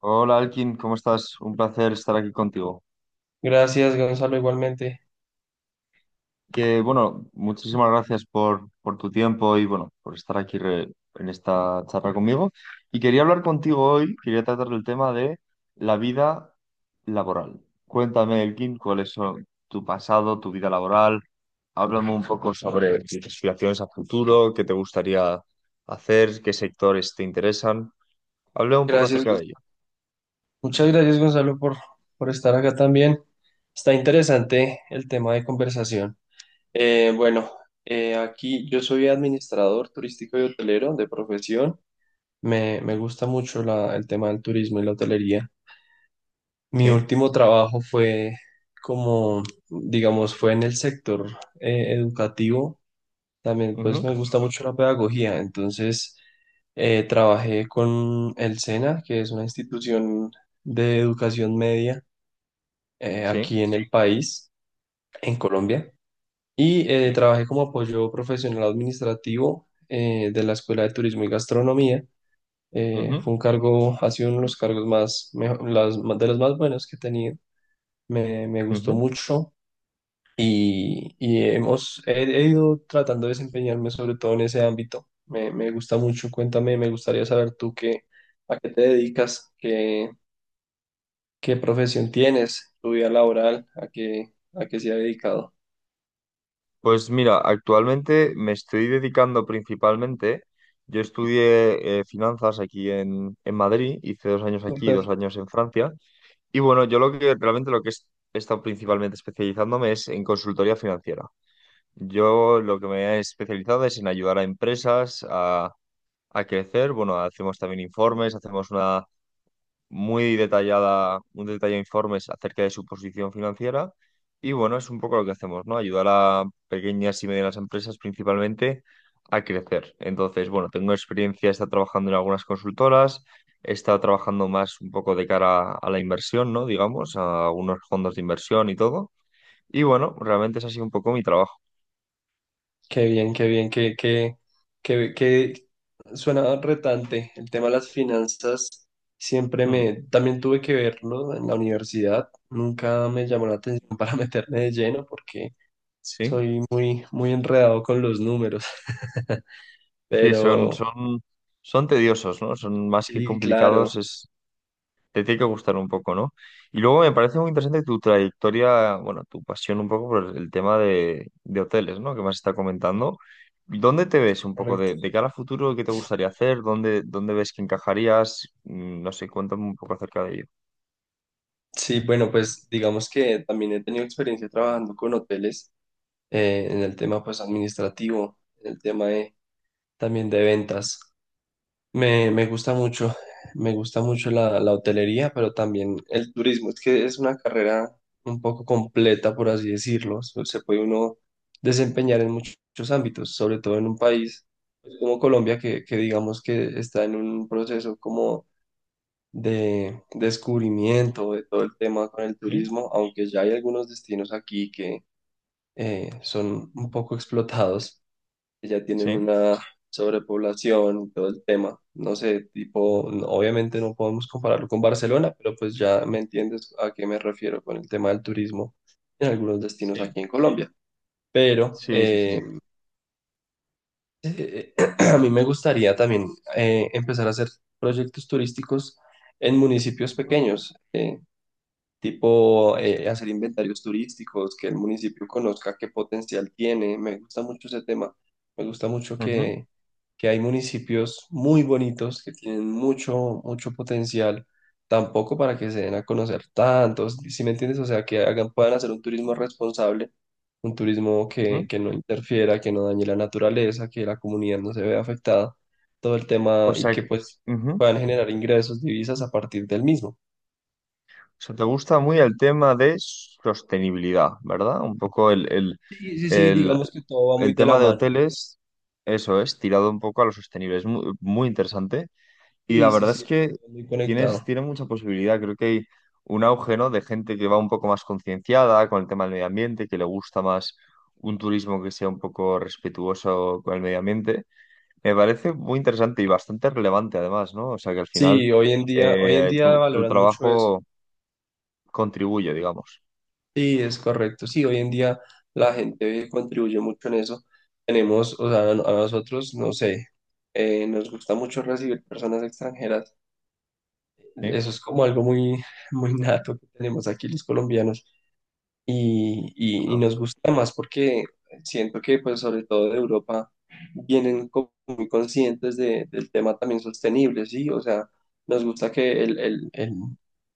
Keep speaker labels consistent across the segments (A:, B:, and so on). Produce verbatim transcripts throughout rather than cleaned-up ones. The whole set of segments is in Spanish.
A: Hola Alkin, ¿cómo estás? Un placer estar aquí contigo.
B: Gracias, Gonzalo, igualmente.
A: Que bueno, muchísimas gracias por, por tu tiempo y bueno, por estar aquí re- en esta charla conmigo. Y quería hablar contigo hoy, quería tratar el tema de la vida laboral. Cuéntame, Elkin, cuál es oh, tu pasado, tu vida laboral. Háblame un poco sobre tus aspiraciones a futuro, qué te gustaría hacer, qué sectores te interesan. Hablé un poco
B: Gracias.
A: acerca
B: Gon-
A: de ello.
B: Muchas gracias, Gonzalo, por, por estar acá también. Está interesante el tema de conversación. Eh, bueno, eh, aquí yo soy administrador turístico y hotelero de profesión. Me, me gusta mucho la- el tema del turismo y la hotelería. Mi
A: Sí,
B: último trabajo fue como, digamos, fue en el sector eh, educativo. También pues
A: ujú,
B: me gusta mucho la pedagogía, entonces eh, trabajé con el SENA, que es una institución de educación media eh,
A: sí,
B: aquí en el país, en Colombia, y eh,
A: sí,
B: trabajé como apoyo profesional administrativo eh, de la Escuela de Turismo y Gastronomía. Eh,
A: ujú,
B: fue un cargo, ha sido uno de los cargos más, mejo- las, de los más buenos que he tenido. Me, me gustó
A: ujú.
B: mucho y, y hemos, he, he ido tratando de desempeñarme sobre todo en ese ámbito. Me, me gusta mucho, cuéntame, me gustaría saber tú qué, a qué te dedicas, qué, qué profesión tienes, tu vida laboral, a qué, a qué se ha dedicado.
A: Pues mira, actualmente me estoy dedicando principalmente, yo estudié eh, finanzas aquí en, en Madrid, hice dos años aquí,
B: Súper.
A: dos años en Francia, y bueno, yo lo que realmente lo que es- he estado principalmente especializándome es en consultoría financiera. Yo lo que me he especializado es en ayudar a empresas a, a crecer, bueno, hacemos también informes, hacemos muy detallada, un detallado informes acerca de su posición financiera. Y bueno, es un poco lo que hacemos, ¿no? Ayudar a pequeñas y medianas empresas principalmente a crecer. Entonces, bueno, tengo experiencia, he estado trabajando en algunas consultoras, he estado trabajando más un poco de cara a la inversión, ¿no? Digamos, a algunos fondos de inversión y todo. Y bueno, realmente es así un poco mi trabajo.
B: Qué bien, qué bien, qué, qué, qué, qué- suena retante. El tema de las finanzas siempre
A: Hmm,
B: me, también tuve que verlo en la universidad. Nunca me llamó la atención para meterme de lleno porque
A: sí,
B: soy muy, muy enredado con los números,
A: sí, son,
B: pero
A: son, son tediosos, ¿no? Son más que
B: sí,
A: complicados,
B: claro,
A: es te tiene que gustar un poco, ¿no? Y luego me parece muy interesante tu trayectoria, bueno, tu pasión un poco por el el tema de, de hoteles, ¿no? Que me has estado comentando. ¿Dónde te ves un poco
B: correcto.
A: de, de cara a futuro? ¿Qué te gustaría hacer? ¿Dónde, Dónde ves que encajarías? Mm, No sé, cuéntame un poco acerca de ello.
B: Sí, bueno, pues digamos que también he tenido experiencia trabajando con hoteles eh, en el tema pues administrativo, en el tema de, también de ventas. Me, me gusta mucho, me gusta mucho la, la hotelería, pero también el turismo. Es que es una carrera un poco completa, por así decirlo. Se se puede uno desempeñar en muchos, muchos ámbitos, sobre todo en un país pues, como Colombia, que, que digamos que está en un proceso como de descubrimiento de todo el tema con el
A: ¿Sí?
B: turismo, aunque ya hay algunos destinos aquí que eh, son un poco explotados, que ya tienen
A: ¿Sí?
B: una sobrepoblación y todo el tema. No sé, tipo, no- obviamente no podemos compararlo con Barcelona, pero pues ya me entiendes a qué me refiero con el tema del turismo en algunos destinos
A: Sí.
B: aquí en Colombia. Pero
A: Sí, sí, sí.
B: eh, eh, a mí
A: Ujú,
B: me gustaría también eh, empezar a hacer proyectos turísticos en municipios
A: ujú,
B: pequeños. Eh, tipo eh, hacer inventarios turísticos, que el municipio conozca qué potencial tiene. Me gusta mucho ese tema. Me gusta mucho
A: ujú,
B: que, que hay municipios muy bonitos que tienen mucho, mucho potencial, tampoco para que se den a conocer tantos, ¿si me entiendes? O sea, que hagan, puedan hacer un turismo responsable, un turismo
A: ujú.
B: que, que no interfiera, que no dañe la naturaleza, que la comunidad no se vea afectada, todo el
A: O
B: tema y
A: sea,
B: que pues
A: ujú.
B: puedan generar ingresos, divisas a partir del mismo.
A: O sea, te gusta muy el tema de sostenibilidad, ¿verdad? Un poco el, el,
B: Sí, sí, sí,
A: el-
B: digamos que todo va muy
A: el
B: de la
A: tema de
B: mano.
A: hoteles, eso es, tirado un poco a lo sostenible. Es muy, muy interesante. Y la
B: Sí, sí,
A: verdad es
B: sí,
A: que
B: muy
A: tienes,
B: conectado.
A: tiene mucha posibilidad. Creo que hay un auge, ¿no? De gente que va un poco más concienciada con el tema del medio ambiente, que le gusta más un turismo que sea un poco respetuoso con el medio ambiente. Me parece muy interesante y bastante relevante, además, ¿no? O sea, que al final
B: Sí, hoy en día, hoy en
A: eh,
B: día
A: tu tu
B: valoran mucho eso.
A: trabajo contribuye, digamos.
B: Sí, es correcto. Sí, hoy en día la gente contribuye mucho en eso. Tenemos, o sea, a nosotros, no sé, eh, nos gusta mucho recibir personas extranjeras.
A: ¿Sí?
B: Eso es como algo muy, muy nato que tenemos aquí los colombianos. Y, y- y
A: ¿No?
B: nos gusta más porque siento que, pues, sobre todo de Europa, vienen como muy conscientes de- del tema también sostenible, ¿sí? O sea, nos gusta que el, el- el-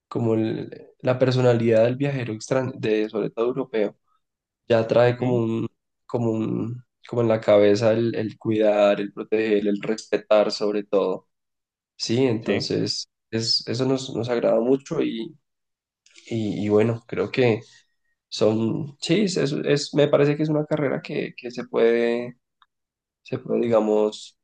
B: como el- la personalidad del viajero extran- de, sobre todo europeo, ya trae como
A: Ujú.
B: un, como un, como en la cabeza el, el cuidar, el proteger, el respetar sobre todo, ¿sí?
A: Sí,
B: Entonces, es, eso nos, nos agrada mucho y, y y bueno, creo que... Son, sí, es, es, es- me parece que es una carrera que, que se puede, se puede, digamos,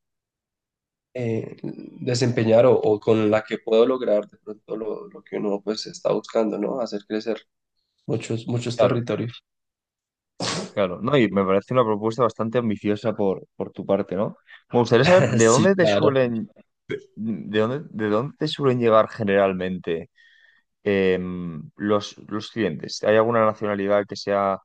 B: eh, desempeñar o, o con la que puedo lograr de pronto lo, lo que uno pues está buscando, ¿no? Hacer crecer muchos, muchos
A: claro,
B: territorios.
A: claro. No, y me parece una propuesta bastante ambiciosa por, por tu parte, ¿no? Me gustaría saber de
B: Sí,
A: dónde te
B: claro.
A: suelen, de dónde, ¿De dónde te suelen llegar generalmente em, los, los clientes? ¿Hay alguna nacionalidad que sea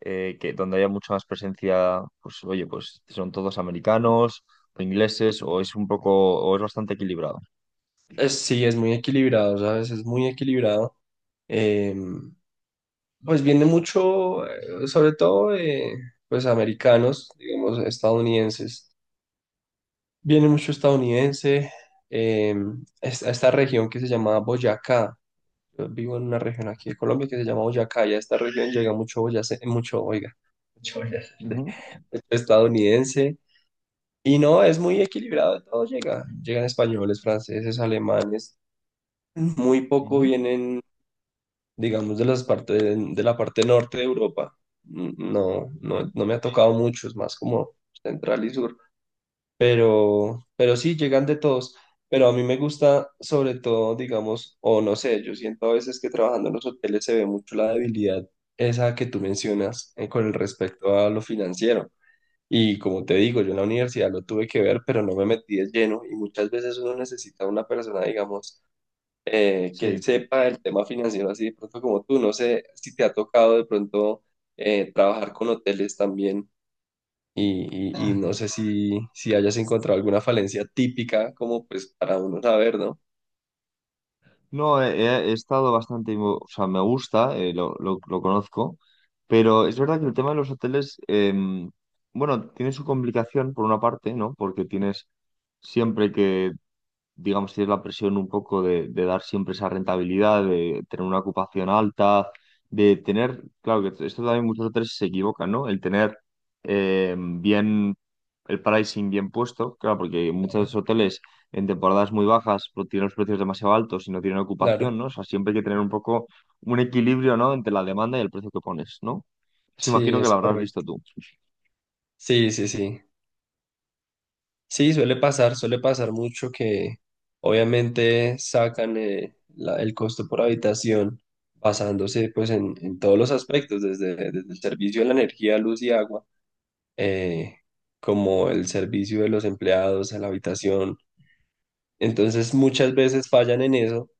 A: eh, que donde haya mucha más presencia? Pues oye, pues son todos americanos o ingleses, o es un poco, o es bastante equilibrado.
B: Es- sí, es muy equilibrado, ¿sabes? Es muy equilibrado. Eh, pues viene mucho, eh, sobre todo, de, pues americanos, digamos, estadounidenses. Viene mucho estadounidense eh, es- a esta región que se llama Boyacá. Yo vivo en una región aquí de Colombia que se llama Boyacá y a esta región llega mucho boyace- mucho, oiga, mucho boyacense,
A: Ujú,
B: estadounidense. Y no, es muy equilibrado, de todo llega. Llegan españoles, franceses, alemanes. Muy poco
A: ujú.
B: vienen, digamos, de las partes de la parte norte de Europa. No, no, no me ha tocado mucho, es más como central y sur. Pero, pero sí, llegan de todos. Pero a mí me gusta, sobre todo, digamos, o no sé, yo siento a veces que trabajando en los hoteles se ve mucho la debilidad esa que tú mencionas eh, con el respecto a lo financiero. Y como te digo, yo en la universidad lo tuve que ver, pero no me metí de lleno. Y muchas veces uno necesita una persona, digamos, eh, que
A: Sí.
B: sepa el tema financiero así de pronto como tú. No sé si te ha tocado de pronto eh, trabajar con hoteles también y, y- y no sé si, si hayas encontrado alguna falencia típica como pues para uno saber, ¿no?
A: No, he, he- estado bastante, invo- o sea, me gusta, eh, lo, lo- lo conozco, pero es verdad que el tema de los hoteles, em, bueno, tiene su complicación por una parte, ¿no? Porque tienes siempre que digamos, tienes la presión un poco de, de dar siempre esa rentabilidad, de tener una ocupación alta, de tener, claro que esto también muchos hoteles se equivocan, ¿no? El tener eh, bien el pricing bien puesto, claro, porque muchos
B: Claro,
A: hoteles en temporadas muy bajas pues, tienen los precios demasiado altos y no tienen
B: claro.
A: ocupación, ¿no? O sea, siempre hay que tener un poco un equilibrio, ¿no? Entre la demanda y el precio que pones, ¿no? Se
B: Sí,
A: imagino que
B: es
A: lo habrás visto
B: correcto.
A: tú.
B: Sí, sí, sí. Sí, suele pasar, suele pasar mucho que obviamente sacan eh, la- el costo por habitación basándose pues en, en todos los aspectos, desde, desde el servicio de la energía, luz y agua, eh, como el servicio de los empleados a la habitación. Entonces muchas veces fallan en eso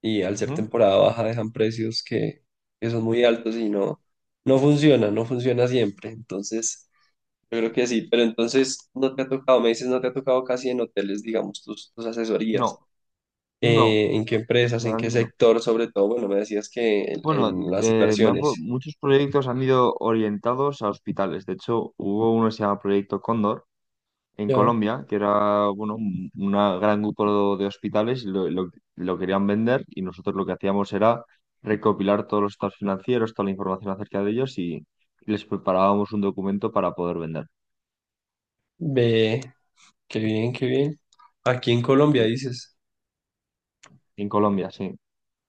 B: y al ser
A: Ujú.
B: temporada baja dejan precios que, que son muy altos y no, no funciona, no funciona siempre. Entonces, yo creo que sí, pero entonces no te ha tocado, me dices, no te ha tocado casi en hoteles, digamos, tus, tus asesorías.
A: No, no,
B: Eh, ¿en qué empresas, en qué
A: sinceramente no.
B: sector, sobre todo? Bueno, me decías que en,
A: Bueno,
B: en las
A: eh, me han pro-
B: inversiones.
A: muchos proyectos han ido orientados a hospitales. De hecho, hubo uno que se llama Proyecto Cóndor en
B: Ya,
A: Colombia, que era bueno, un una gran grupo de hospitales y lo, lo- lo querían vender y nosotros lo que hacíamos era recopilar todos los estados financieros, toda la información acerca de ellos y les preparábamos un documento para poder vender.
B: ve, qué bien, qué bien. Aquí en Colombia
A: Sí.
B: dices,
A: En Colombia, sí.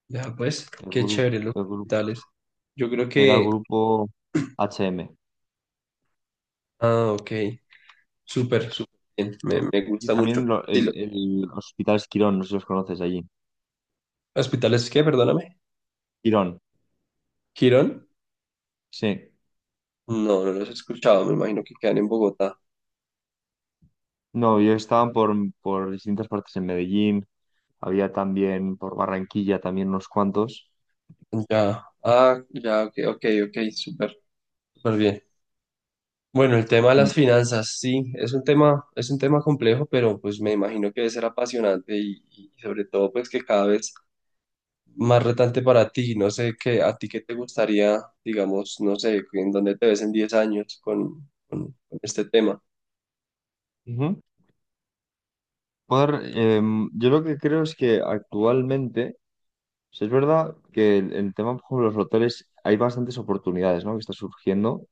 B: ya pues,
A: El
B: qué
A: grupo,
B: chévere los
A: el grupo
B: hospitales. Yo creo
A: era
B: que,
A: grupo H M.
B: ah, ok, súper, súper bien, me, me
A: Y
B: gusta
A: también
B: mucho.
A: lo-
B: Sí,
A: el,
B: lo-
A: el Hospital Quirón, no sé si los conoces allí.
B: ¿Hospitales qué? Perdóname.
A: Quirón,
B: ¿Girón?
A: sí.
B: No, no los he escuchado, me imagino que quedan en Bogotá.
A: No, yo estaban por, por distintas partes en Medellín, había también por Barranquilla también unos cuantos.
B: Ya, ah, ya, ok, ok, ok, súper, súper bien. Bueno, el tema de
A: Mm,
B: las finanzas, sí, es un tema, es un tema complejo, pero pues me imagino que debe ser apasionante y, y sobre todo pues que cada vez más retante para ti. No sé qué, a ti qué te gustaría, digamos, no sé, en dónde te ves en diez años con, con- con este tema.
A: ujú. Joder, em, yo lo que creo es que actualmente, o sea, es verdad que el, el tema, por ejemplo, de los hoteles, hay bastantes oportunidades, ¿no? Que está surgiendo.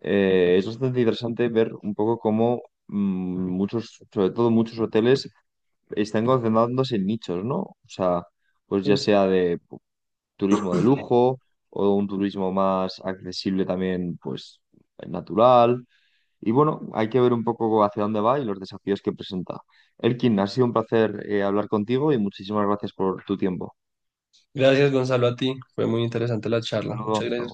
A: Eh, es bastante interesante ver un poco cómo mm, muchos, sobre todo muchos hoteles, están concentrándose en nichos, ¿no? O sea, pues ya
B: Sí.
A: sea de turismo de lujo o un turismo más accesible también, pues natural. Y bueno, hay que ver un poco hacia dónde va y los desafíos que presenta. Elkin, ha sido un placer eh, hablar contigo y muchísimas gracias por tu tiempo.
B: Gracias, Gonzalo, a ti. Fue muy interesante la charla. Muchas
A: Saludos.
B: gracias.